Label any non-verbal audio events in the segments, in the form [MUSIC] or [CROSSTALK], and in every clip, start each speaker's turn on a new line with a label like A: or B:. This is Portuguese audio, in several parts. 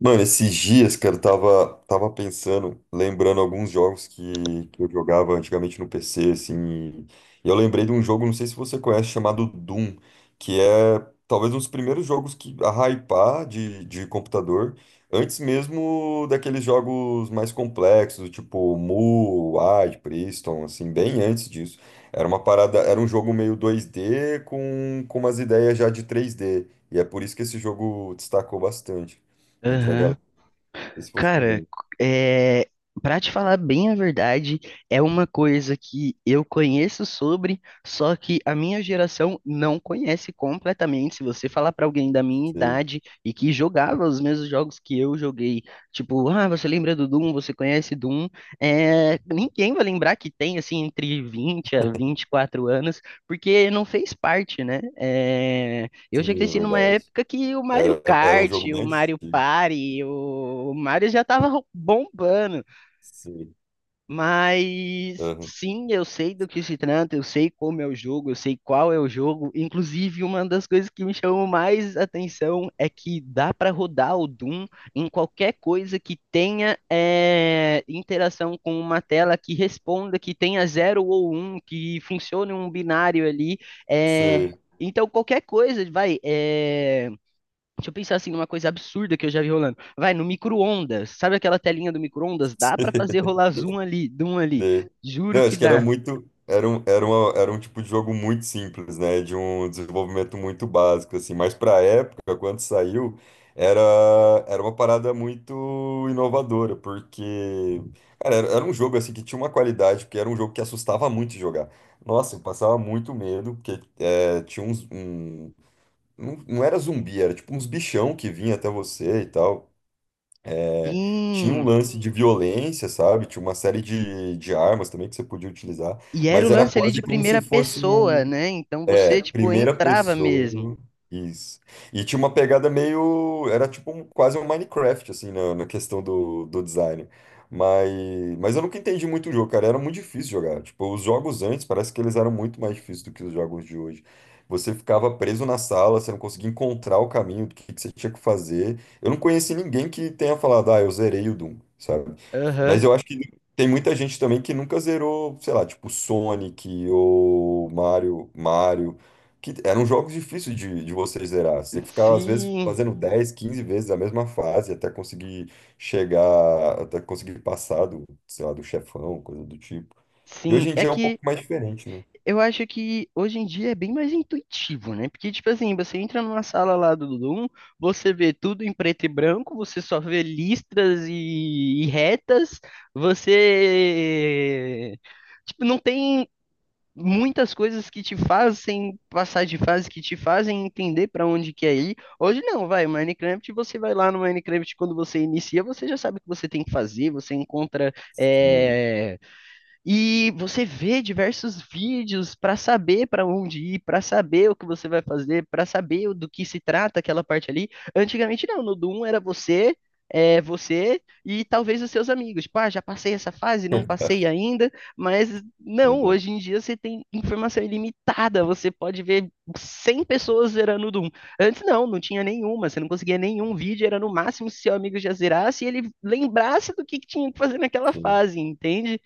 A: Mano, esses dias, cara, eu tava pensando, lembrando alguns jogos que eu jogava antigamente no PC, assim, e eu lembrei de um jogo, não sei se você conhece, chamado Doom, que é talvez um dos primeiros jogos que a hypar de computador, antes mesmo daqueles jogos mais complexos, tipo Mu, Wide, Priston, assim, bem antes disso. Era uma parada, era um jogo meio dois d com umas ideias já de três d e é por isso que esse jogo destacou bastante entre a
B: Aham.
A: galera. Isso você
B: Cara,
A: lembra?
B: é, pra te falar bem a verdade, é uma coisa que eu conheço sobre, só que a minha geração não conhece completamente. Se você falar pra alguém da minha
A: Sim,
B: idade e que jogava os mesmos jogos que eu joguei, tipo, ah, você lembra do Doom? Você conhece Doom? É, ninguém vai lembrar que tem, assim, entre 20 a 24 anos, porque não fez parte, né? É, eu já
A: sim, é
B: cresci numa
A: verdade.
B: época que o Mario
A: Era um
B: Kart,
A: jogo bem
B: o Mario
A: antigo.
B: Party, o Mario já tava bombando.
A: Sim,
B: Mas
A: aham.
B: sim, eu sei do que se trata, eu sei como é o jogo, eu sei qual é o jogo. Inclusive, uma das coisas que me chamou mais atenção é que dá pra rodar o Doom em qualquer coisa que tenha interação com uma tela que responda, que tenha zero ou um, que funcione um binário ali. eh,
A: Sim,
B: então, qualquer coisa, vai. Deixa eu pensar assim numa coisa absurda que eu já vi rolando. Vai, no micro-ondas. Sabe aquela telinha do micro-ondas?
A: [LAUGHS]
B: Dá pra fazer
A: sim.
B: rolar zoom ali, zoom ali. Juro
A: Não,
B: que
A: acho que era
B: dá.
A: muito. Era um, era uma, era um tipo de jogo muito simples, né? De um desenvolvimento muito básico, assim. Mas pra época, quando saiu, era, era uma parada muito inovadora, porque, cara, era, era um jogo, assim, que tinha uma qualidade, porque era um jogo que assustava muito de jogar. Nossa, eu passava muito medo, porque é, tinha uns, um- Não, não era zumbi, era tipo uns bichão que vinha até você e tal. É, tinha um
B: Sim.
A: lance de violência, sabe? Tinha uma série de armas também que você podia utilizar,
B: E era
A: mas
B: o
A: era
B: lance ali
A: quase
B: de
A: como se
B: primeira
A: fosse
B: pessoa,
A: um.
B: né? Então
A: É,
B: você,
A: era um
B: tipo,
A: primeira muito
B: entrava mesmo.
A: pessoa. Isso. E tinha uma pegada meio. Era tipo um- quase um Minecraft, assim, na, na questão do, do design. Mas, mas eu nunca entendi muito o jogo, cara. Era muito difícil jogar. Tipo, os jogos antes parece que eles eram muito mais difíceis do que os jogos de hoje. Você ficava preso na sala, você não conseguia encontrar o caminho do que você tinha que fazer. Eu não conheci ninguém que tenha falado, ah, eu zerei o Doom, sabe? Mas
B: Aham.
A: eu acho que tem muita gente também que nunca zerou, sei lá, tipo Sonic ou Mario, Mario, que eram jogos difíceis de você zerar. Você tem que ficar, às vezes,
B: Sim.
A: fazendo 10 15 vezes a mesma fase até conseguir chegar, até conseguir passar do, sei lá, do chefão, coisa do tipo. E
B: Sim.
A: hoje em
B: É
A: dia é um
B: que
A: pouco mais diferente, né?
B: eu acho que hoje em dia é bem mais intuitivo, né? Porque, tipo assim, você entra numa sala lá do Doom, você vê tudo em preto e branco, você só vê listras e retas, você. Tipo, não tem muitas coisas que te fazem passar de fase, que te fazem entender pra onde quer ir. Hoje não, vai. Minecraft, você vai lá no Minecraft, quando você inicia, você já sabe o que você tem que fazer, você encontra.
A: Sim,
B: E você vê diversos vídeos para saber para onde ir, para saber o que você vai fazer, para saber do que se trata aquela parte ali. Antigamente não, no Doom era você, você e talvez os seus amigos. Tipo, ah, já passei essa fase,
A: [LAUGHS]
B: não passei
A: verdade,
B: ainda, mas não, hoje em dia você tem informação ilimitada, você pode ver 100 pessoas zerando o Doom. Antes não, não tinha nenhuma, você não conseguia nenhum vídeo, era no máximo se seu amigo já zerasse e ele lembrasse do que tinha que fazer naquela
A: verdade.
B: fase, entende?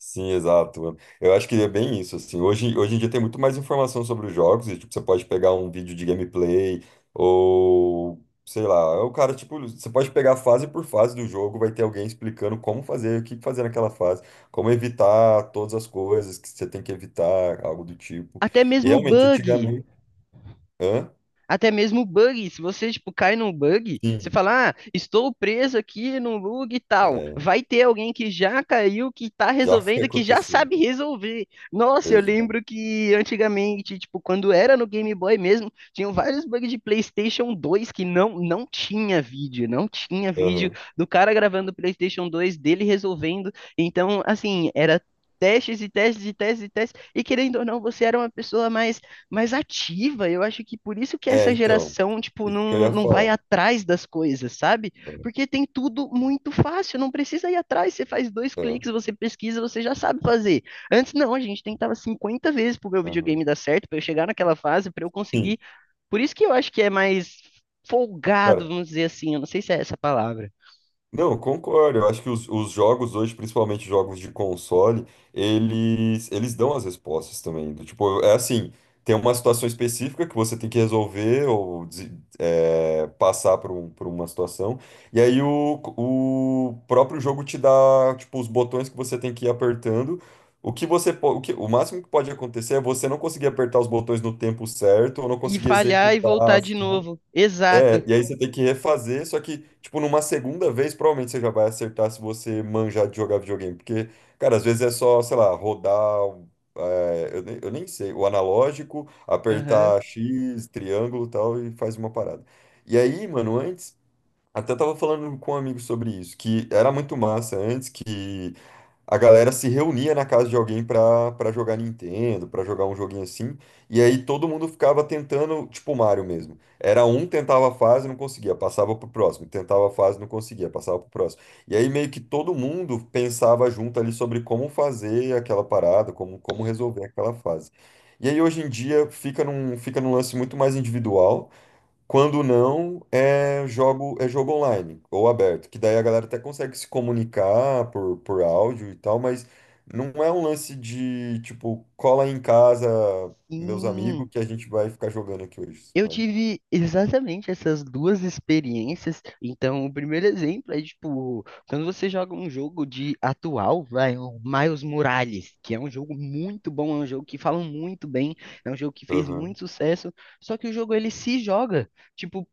A: Sim, exato. Eu acho que é bem isso, assim. Hoje, hoje em dia tem muito mais informação sobre os jogos e, tipo, você pode pegar um vídeo de gameplay ou, sei lá, é o cara, tipo, você pode pegar fase por fase do jogo, vai ter alguém explicando como fazer, o que fazer naquela fase, como evitar todas as coisas que você tem que evitar, algo do tipo.
B: Até
A: E
B: mesmo
A: realmente,
B: bug.
A: antigamente... Hã?
B: Até mesmo bug. Se você, tipo, cai num bug, você
A: Sim,
B: fala, ah, estou preso aqui num bug e tal.
A: é,
B: Vai ter alguém que já caiu, que tá
A: já [LAUGHS] foi
B: resolvendo, que já
A: acontecer.
B: sabe resolver. Nossa, eu
A: Exato.
B: lembro que antigamente, tipo, quando era no Game Boy mesmo, tinham vários bugs de PlayStation 2 que não, não tinha vídeo. Não tinha vídeo
A: Aham.
B: do cara gravando o PlayStation 2, dele resolvendo. Então, assim, era testes e testes e testes e testes. E querendo ou não, você era uma pessoa mais ativa. Eu acho que por isso que
A: É,
B: essa
A: então,
B: geração, tipo,
A: isso que eu
B: não,
A: ia
B: não vai
A: falar.
B: atrás das coisas, sabe?
A: É,
B: Porque tem tudo muito fácil, não precisa ir atrás. Você faz dois
A: é,
B: cliques, você pesquisa, você já sabe fazer. Antes, não, a gente tentava 50 vezes pro meu
A: aham.
B: videogame dar certo, para eu chegar naquela fase, para eu
A: Sim.
B: conseguir. Por isso que eu acho que é mais folgado,
A: Cara,
B: vamos dizer assim, eu não sei se é essa a palavra.
A: não, eu concordo. Eu acho que os jogos hoje, principalmente jogos de console, eles dão as respostas também. Do tipo, é assim, tem uma situação específica que você tem que resolver ou des- é, passar por, um- por uma situação. E aí o próprio jogo te dá, tipo, os botões que você tem que ir apertando. O que você, po- o que, o máximo que pode acontecer é você não conseguir apertar os botões no tempo certo ou não
B: E
A: conseguir
B: falhar e
A: executar a
B: voltar de
A: ação.
B: novo.
A: É,
B: Exato.
A: e aí você tem que refazer, só que, tipo, numa segunda vez, provavelmente você já vai acertar se você manjar de jogar videogame. Porque, cara, às vezes é só, sei lá, rodar, é, eu nem sei, o analógico,
B: Aham.
A: apertar X, triângulo e tal, e faz uma parada. E aí, mano, antes, até tava falando com um amigo sobre isso, que era muito massa antes que a galera se reunia na casa de alguém pra jogar Nintendo, pra jogar um joguinho assim, e aí todo mundo ficava tentando, tipo Mario mesmo. Era um tentava a fase, não conseguia, passava pro próximo, tentava a fase, não conseguia, passava pro próximo. E aí meio que todo mundo pensava junto ali sobre como fazer aquela parada, como, como resolver aquela fase. E aí hoje em dia fica num lance muito mais individual. Quando não, é jogo online ou aberto, que daí a galera até consegue se comunicar por áudio e tal, mas não é um lance de, tipo, cola aí em casa, meus amigos,
B: Sim.
A: que a gente vai ficar jogando aqui hoje,
B: Eu
A: sabe?
B: tive exatamente essas duas experiências. Então, o primeiro exemplo é tipo, quando você joga um jogo de atual, vai, o Miles Morales, que é um jogo muito bom, é um jogo que falam muito bem, é um jogo que fez
A: Aham,
B: muito sucesso, só que o jogo ele se joga. Tipo,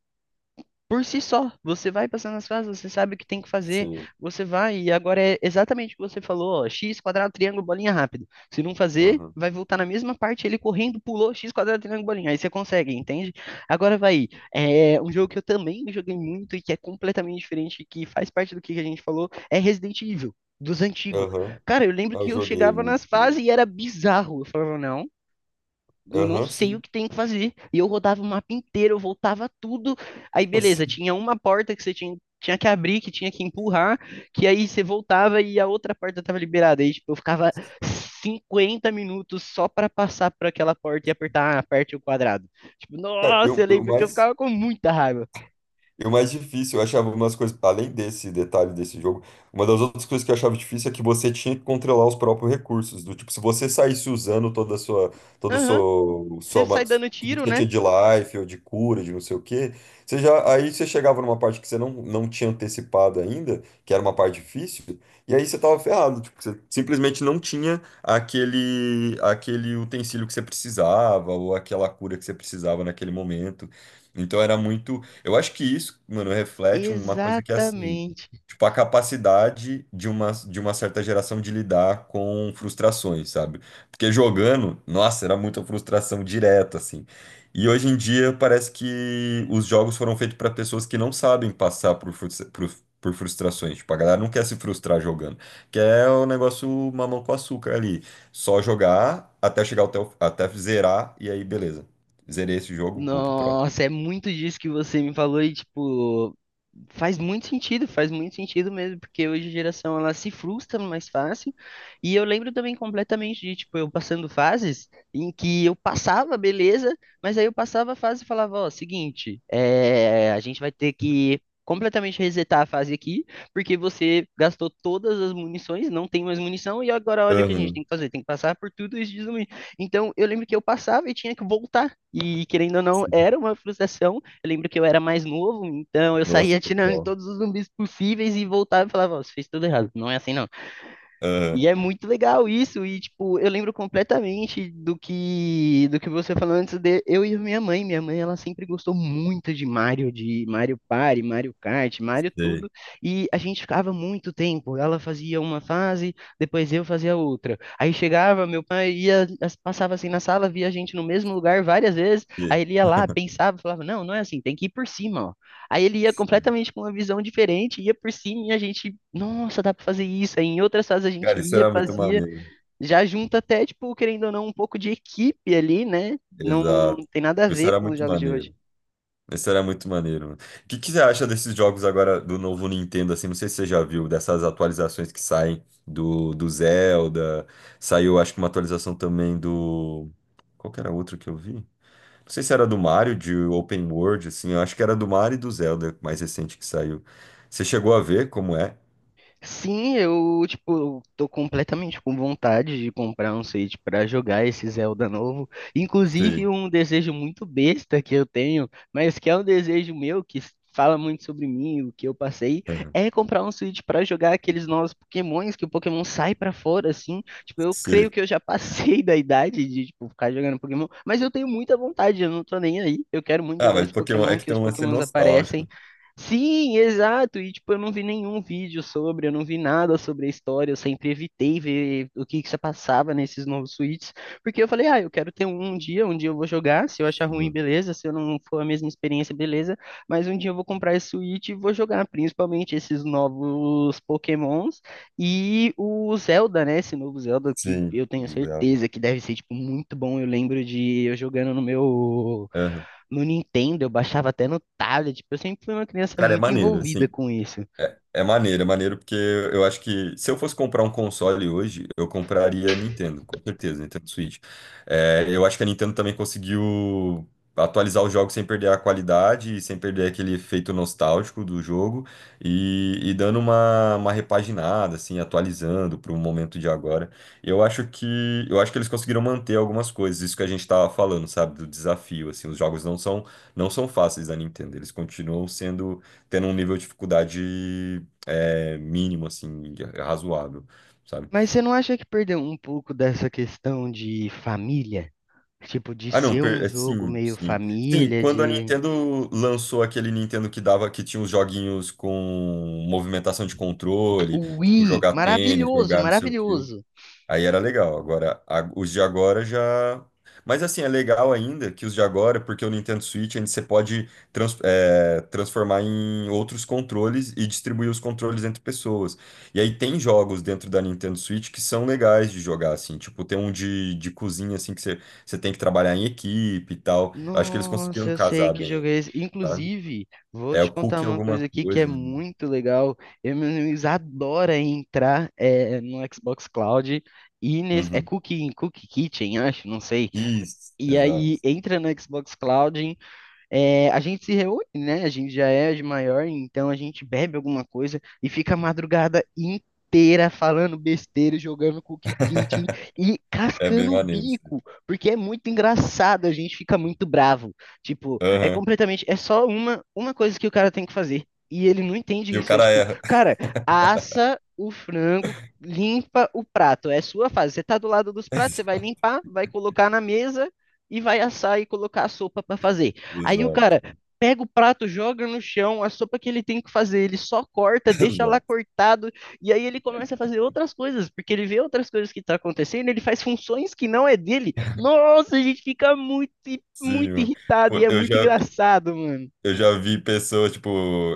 B: por si só. Você vai passando as fases, você sabe o que tem que fazer,
A: sim,
B: você vai, e agora é exatamente o que você falou, ó, x quadrado, triângulo, bolinha rápido. Se não fazer,
A: aham,
B: vai voltar na mesma parte, ele correndo, pulou, x quadrado, triângulo, bolinha. Aí você consegue, entende? Agora vai, é um jogo que eu também joguei muito e que é completamente diferente, que faz parte do que a gente falou, é Resident Evil. Dos antigos.
A: aham.
B: Cara, eu lembro
A: Eu
B: que eu
A: joguei
B: chegava
A: muito.
B: nas
A: Né?
B: fases e era bizarro. Eu falava, não, eu não
A: Aham,
B: sei o
A: sim,
B: que tem que fazer. E eu rodava o mapa inteiro, eu voltava tudo. Aí,
A: [LAUGHS]
B: beleza,
A: sim.
B: tinha uma porta que você tinha que abrir, que tinha que empurrar, que aí você voltava e a outra porta tava liberada. Aí, tipo, eu ficava 50 minutos só pra passar por aquela porta e apertar, ah, aperte o quadrado. Tipo,
A: Cara,
B: nossa, eu
A: eu
B: lembro que eu
A: mais.
B: ficava com muita raiva.
A: E o mais difícil, eu achava umas coisas, além desse detalhe desse jogo, uma das outras coisas que eu achava difícil é que você tinha que controlar os próprios recursos. Do tipo, se você saísse usando toda a sua, todo o
B: Aham,
A: seu,
B: você
A: sua, ma-
B: sai dando
A: tudo que
B: tiro,
A: você
B: né?
A: tinha de life ou de cura, de não sei o quê, você já, aí você chegava numa parte que você não, não tinha antecipado ainda, que era uma parte difícil, e aí você tava ferrado. Tipo, você simplesmente não tinha aquele, aquele utensílio que você precisava ou aquela cura que você precisava naquele momento. Então era muito. Eu acho que isso, mano, reflete uma coisa que é assim,
B: Exatamente.
A: tipo, a capacidade de uma certa geração de lidar com frustrações, sabe? Porque jogando, nossa, era muita frustração direta, assim. E hoje em dia parece que os jogos foram feitos para pessoas que não sabem passar por, frustra- por frustrações. Tipo, a galera não quer se frustrar jogando, quer o negócio mamão com açúcar ali. Só jogar até chegar até, o- até zerar, e aí beleza. Zerei esse jogo, vou pro próximo.
B: Nossa, é muito disso que você me falou e, tipo, faz muito sentido, faz muito sentido mesmo, porque hoje a geração ela se frustra mais fácil. E eu lembro também completamente de, tipo, eu passando fases em que eu passava, beleza, mas aí eu passava a fase e falava, ó, seguinte, é, a gente vai ter que completamente resetar a fase aqui, porque você gastou todas as munições, não tem mais munição, e agora olha o que a gente
A: Aham.
B: tem que fazer, tem que passar por tudo isso de zumbi. Então eu lembro que eu passava e tinha que voltar. E querendo ou não, era uma frustração. Eu lembro que eu era mais novo, então eu
A: Nossa,
B: saía atirando em
A: total.
B: todos os zumbis possíveis e voltava e falava, ó, você fez tudo errado. Não é assim, não.
A: Aham,
B: E é muito legal isso, e tipo, eu lembro completamente do que você falou antes de eu e minha mãe. Minha mãe, ela sempre gostou muito de Mario Party, Mario Kart, Mario
A: sei,
B: tudo, e a gente ficava muito tempo. Ela fazia uma fase, depois eu fazia outra. Aí chegava, meu pai ia, passava assim na sala, via a gente no mesmo lugar várias vezes, aí
A: sei.
B: ele ia lá, pensava, falava: "Não, não é assim, tem que ir por cima, ó. Aí ele ia completamente com uma visão diferente, ia por cima e a gente, nossa, dá pra fazer isso. Aí em outras fases a gente
A: Cara, isso
B: ia,
A: era muito
B: fazia,
A: maneiro.
B: já junta até, tipo, querendo ou não, um pouco de equipe ali, né? Não
A: Exato.
B: tem nada a
A: Isso
B: ver
A: era
B: com os
A: muito
B: jogos de hoje.
A: maneiro. Isso era muito maneiro, mano. O que que você acha desses jogos agora do novo Nintendo, assim? Não sei se você já viu, dessas atualizações que saem do, do Zelda. Saiu, acho que uma atualização também do... Qual que era outro que eu vi? Não sei se era do Mario, de Open World, assim. Eu acho que era do Mario e do Zelda, mais recente que saiu. Você chegou a ver como é?
B: Sim, eu, tipo, tô completamente com vontade de comprar um Switch pra jogar esse Zelda novo. Inclusive,
A: Sim.
B: um desejo muito besta que eu tenho, mas que é um desejo meu, que fala muito sobre mim, o que eu passei,
A: Aham.
B: é comprar um Switch pra jogar aqueles novos Pokémons, que o Pokémon sai pra fora, assim. Tipo, eu creio
A: Sim.
B: que eu já passei [LAUGHS] da idade de, tipo, ficar jogando Pokémon, mas eu tenho muita vontade, eu não tô nem aí. Eu quero muito
A: Ah,
B: jogar
A: mas
B: esse
A: Pokémon é
B: Pokémon,
A: que
B: que
A: tem
B: os
A: um lance
B: Pokémons aparecem.
A: nostálgico.
B: Sim, exato. E tipo, eu não vi nenhum vídeo sobre, eu não vi nada sobre a história, eu sempre evitei ver o que que se passava nesses novos suítes, porque eu falei, ah, eu quero ter um, um dia eu vou jogar, se eu achar
A: Assim,
B: ruim,
A: né?
B: beleza, se eu não for a mesma experiência, beleza, mas um dia eu vou comprar esse suíte e vou jogar, principalmente esses novos Pokémons e o Zelda, né? Esse novo Zelda que
A: Sim,
B: eu tenho
A: os dela.
B: certeza que deve ser tipo muito bom. Eu lembro de eu jogando no meu
A: Aham.
B: no Nintendo, eu baixava até no tablet. Eu sempre fui uma criança
A: Cara, é
B: muito
A: maneiro,
B: envolvida
A: assim.
B: com isso.
A: É maneiro porque eu acho que se eu fosse comprar um console hoje, eu compraria a Nintendo, com certeza, Nintendo Switch. É, eu acho que a Nintendo também conseguiu atualizar os jogos sem perder a qualidade, e sem perder aquele efeito nostálgico do jogo e dando uma repaginada, assim, atualizando para o momento de agora. Eu acho que eles conseguiram manter algumas coisas, isso que a gente estava falando, sabe, do desafio, assim, os jogos não são fáceis da Nintendo, eles continuam sendo tendo um nível de dificuldade é, mínimo, assim, razoável, sabe?
B: Mas você não acha que perdeu um pouco dessa questão de família? Tipo, de
A: Ah, não,
B: ser um
A: per- é,
B: jogo
A: sim,
B: meio
A: sim. Sim,
B: família,
A: quando a
B: de.
A: Nintendo lançou aquele Nintendo que dava, que tinha os joguinhos com movimentação de
B: O
A: controle, tipo,
B: Wii!
A: jogar tênis,
B: Maravilhoso,
A: jogar não sei o quê.
B: maravilhoso!
A: Aí era legal. Agora, a- os de agora já. Mas assim, é legal ainda que os de agora, porque o Nintendo Switch ainda você pode trans- é, transformar em outros controles e distribuir os controles entre pessoas. E aí tem jogos dentro da Nintendo Switch que são legais de jogar, assim. Tipo, tem um de cozinha, assim, que você, você tem que trabalhar em equipe e tal. Acho que eles
B: Nossa,
A: conseguiram
B: eu sei
A: casar
B: que jogo
A: bem,
B: é esse.
A: sabe?
B: Inclusive, vou
A: É
B: te
A: o
B: contar
A: cookie
B: uma
A: alguma
B: coisa aqui que é
A: coisa. Né?
B: muito legal. Eu, meus amigos adoram entrar no Xbox Cloud e nesse. É
A: Uhum.
B: Cooking, Cookie Kitchen, acho, não sei.
A: Isso,
B: E aí
A: exato.
B: entra no Xbox Cloud, a gente se reúne, né? A gente já é de maior, então a gente bebe alguma coisa e fica a madrugada inteira falando besteira, jogando cookie kit
A: [LAUGHS]
B: e
A: É bem
B: cascando o
A: maneiro.
B: bico, porque é muito engraçado, a gente fica muito bravo. Tipo, é
A: Aham.
B: completamente, é só uma coisa que o cara tem que fazer. E ele não entende
A: E o
B: isso. É
A: cara
B: tipo,
A: erra.
B: cara, assa o frango, limpa o prato. É sua fase. Você tá do lado dos pratos, você vai
A: [LAUGHS]
B: limpar, vai colocar na mesa e vai assar e colocar a sopa pra fazer. Aí o
A: Exato,
B: cara pega o prato, joga no chão, a sopa que ele tem que fazer, ele só corta,
A: [LAUGHS]
B: deixa lá
A: exato.
B: cortado, e aí ele começa a fazer outras coisas, porque ele vê outras coisas que tá acontecendo, ele faz funções que não é dele. Nossa, a gente fica muito,
A: Sim,
B: muito
A: mano.
B: irritado e
A: Pô,
B: é
A: eu
B: muito
A: já,
B: engraçado, mano.
A: eu já vi pessoas, tipo,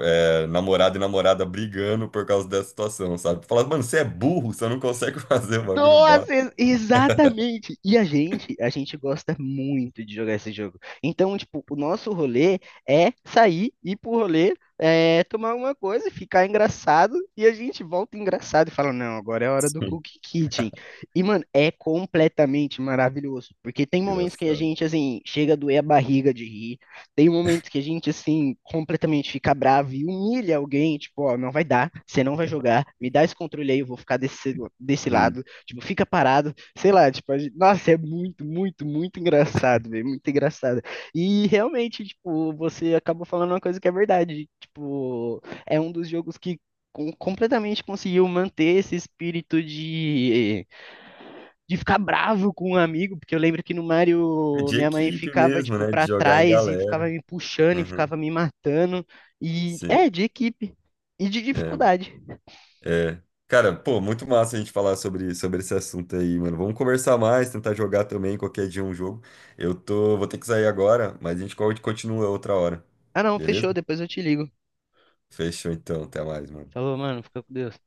A: é, namorado e namorada brigando por causa dessa situação, sabe? Falar, mano, você é burro, você não consegue [LAUGHS] fazer o bagulho básico.
B: Nossa, exatamente. E a gente gosta muito de jogar esse jogo. Então, tipo, o nosso rolê é sair, ir pro rolê, é, tomar alguma coisa, ficar engraçado, e a gente volta engraçado e fala, não, agora é a hora do
A: Sim,
B: Cookie Kitchen. E, mano, é completamente maravilhoso, porque tem momentos que a
A: engraçado.
B: gente, assim, chega a doer a barriga de rir, tem momentos que a gente, assim, completamente fica bravo e humilha alguém, tipo, ó, não vai dar, você não vai jogar, me dá esse controle aí, eu vou ficar desse, desse
A: Sim.
B: lado. Tipo, fica parado, sei lá, tipo, a gente- nossa, é muito, muito, muito engraçado, velho, muito engraçado. E realmente, tipo, você acabou falando uma coisa que é verdade, tipo, é um dos jogos que completamente conseguiu manter esse espírito de ficar bravo com um amigo, porque eu lembro que no
A: É
B: Mario
A: de
B: minha mãe
A: equipe
B: ficava
A: mesmo,
B: tipo
A: né? De
B: pra
A: jogar em
B: trás e ficava
A: galera.
B: me puxando e
A: Uhum,
B: ficava me matando e
A: sim.
B: é de equipe e de
A: É,
B: dificuldade.
A: é. Cara, pô, muito massa a gente falar sobre, sobre esse assunto aí, mano. Vamos conversar mais, tentar jogar também qualquer dia um jogo. Eu tô, vou ter que sair agora, mas a gente co- continua outra hora.
B: Ah, não,
A: Beleza?
B: fechou, depois eu te ligo.
A: Fechou então, até mais, mano.
B: Falou, mano, fica com Deus.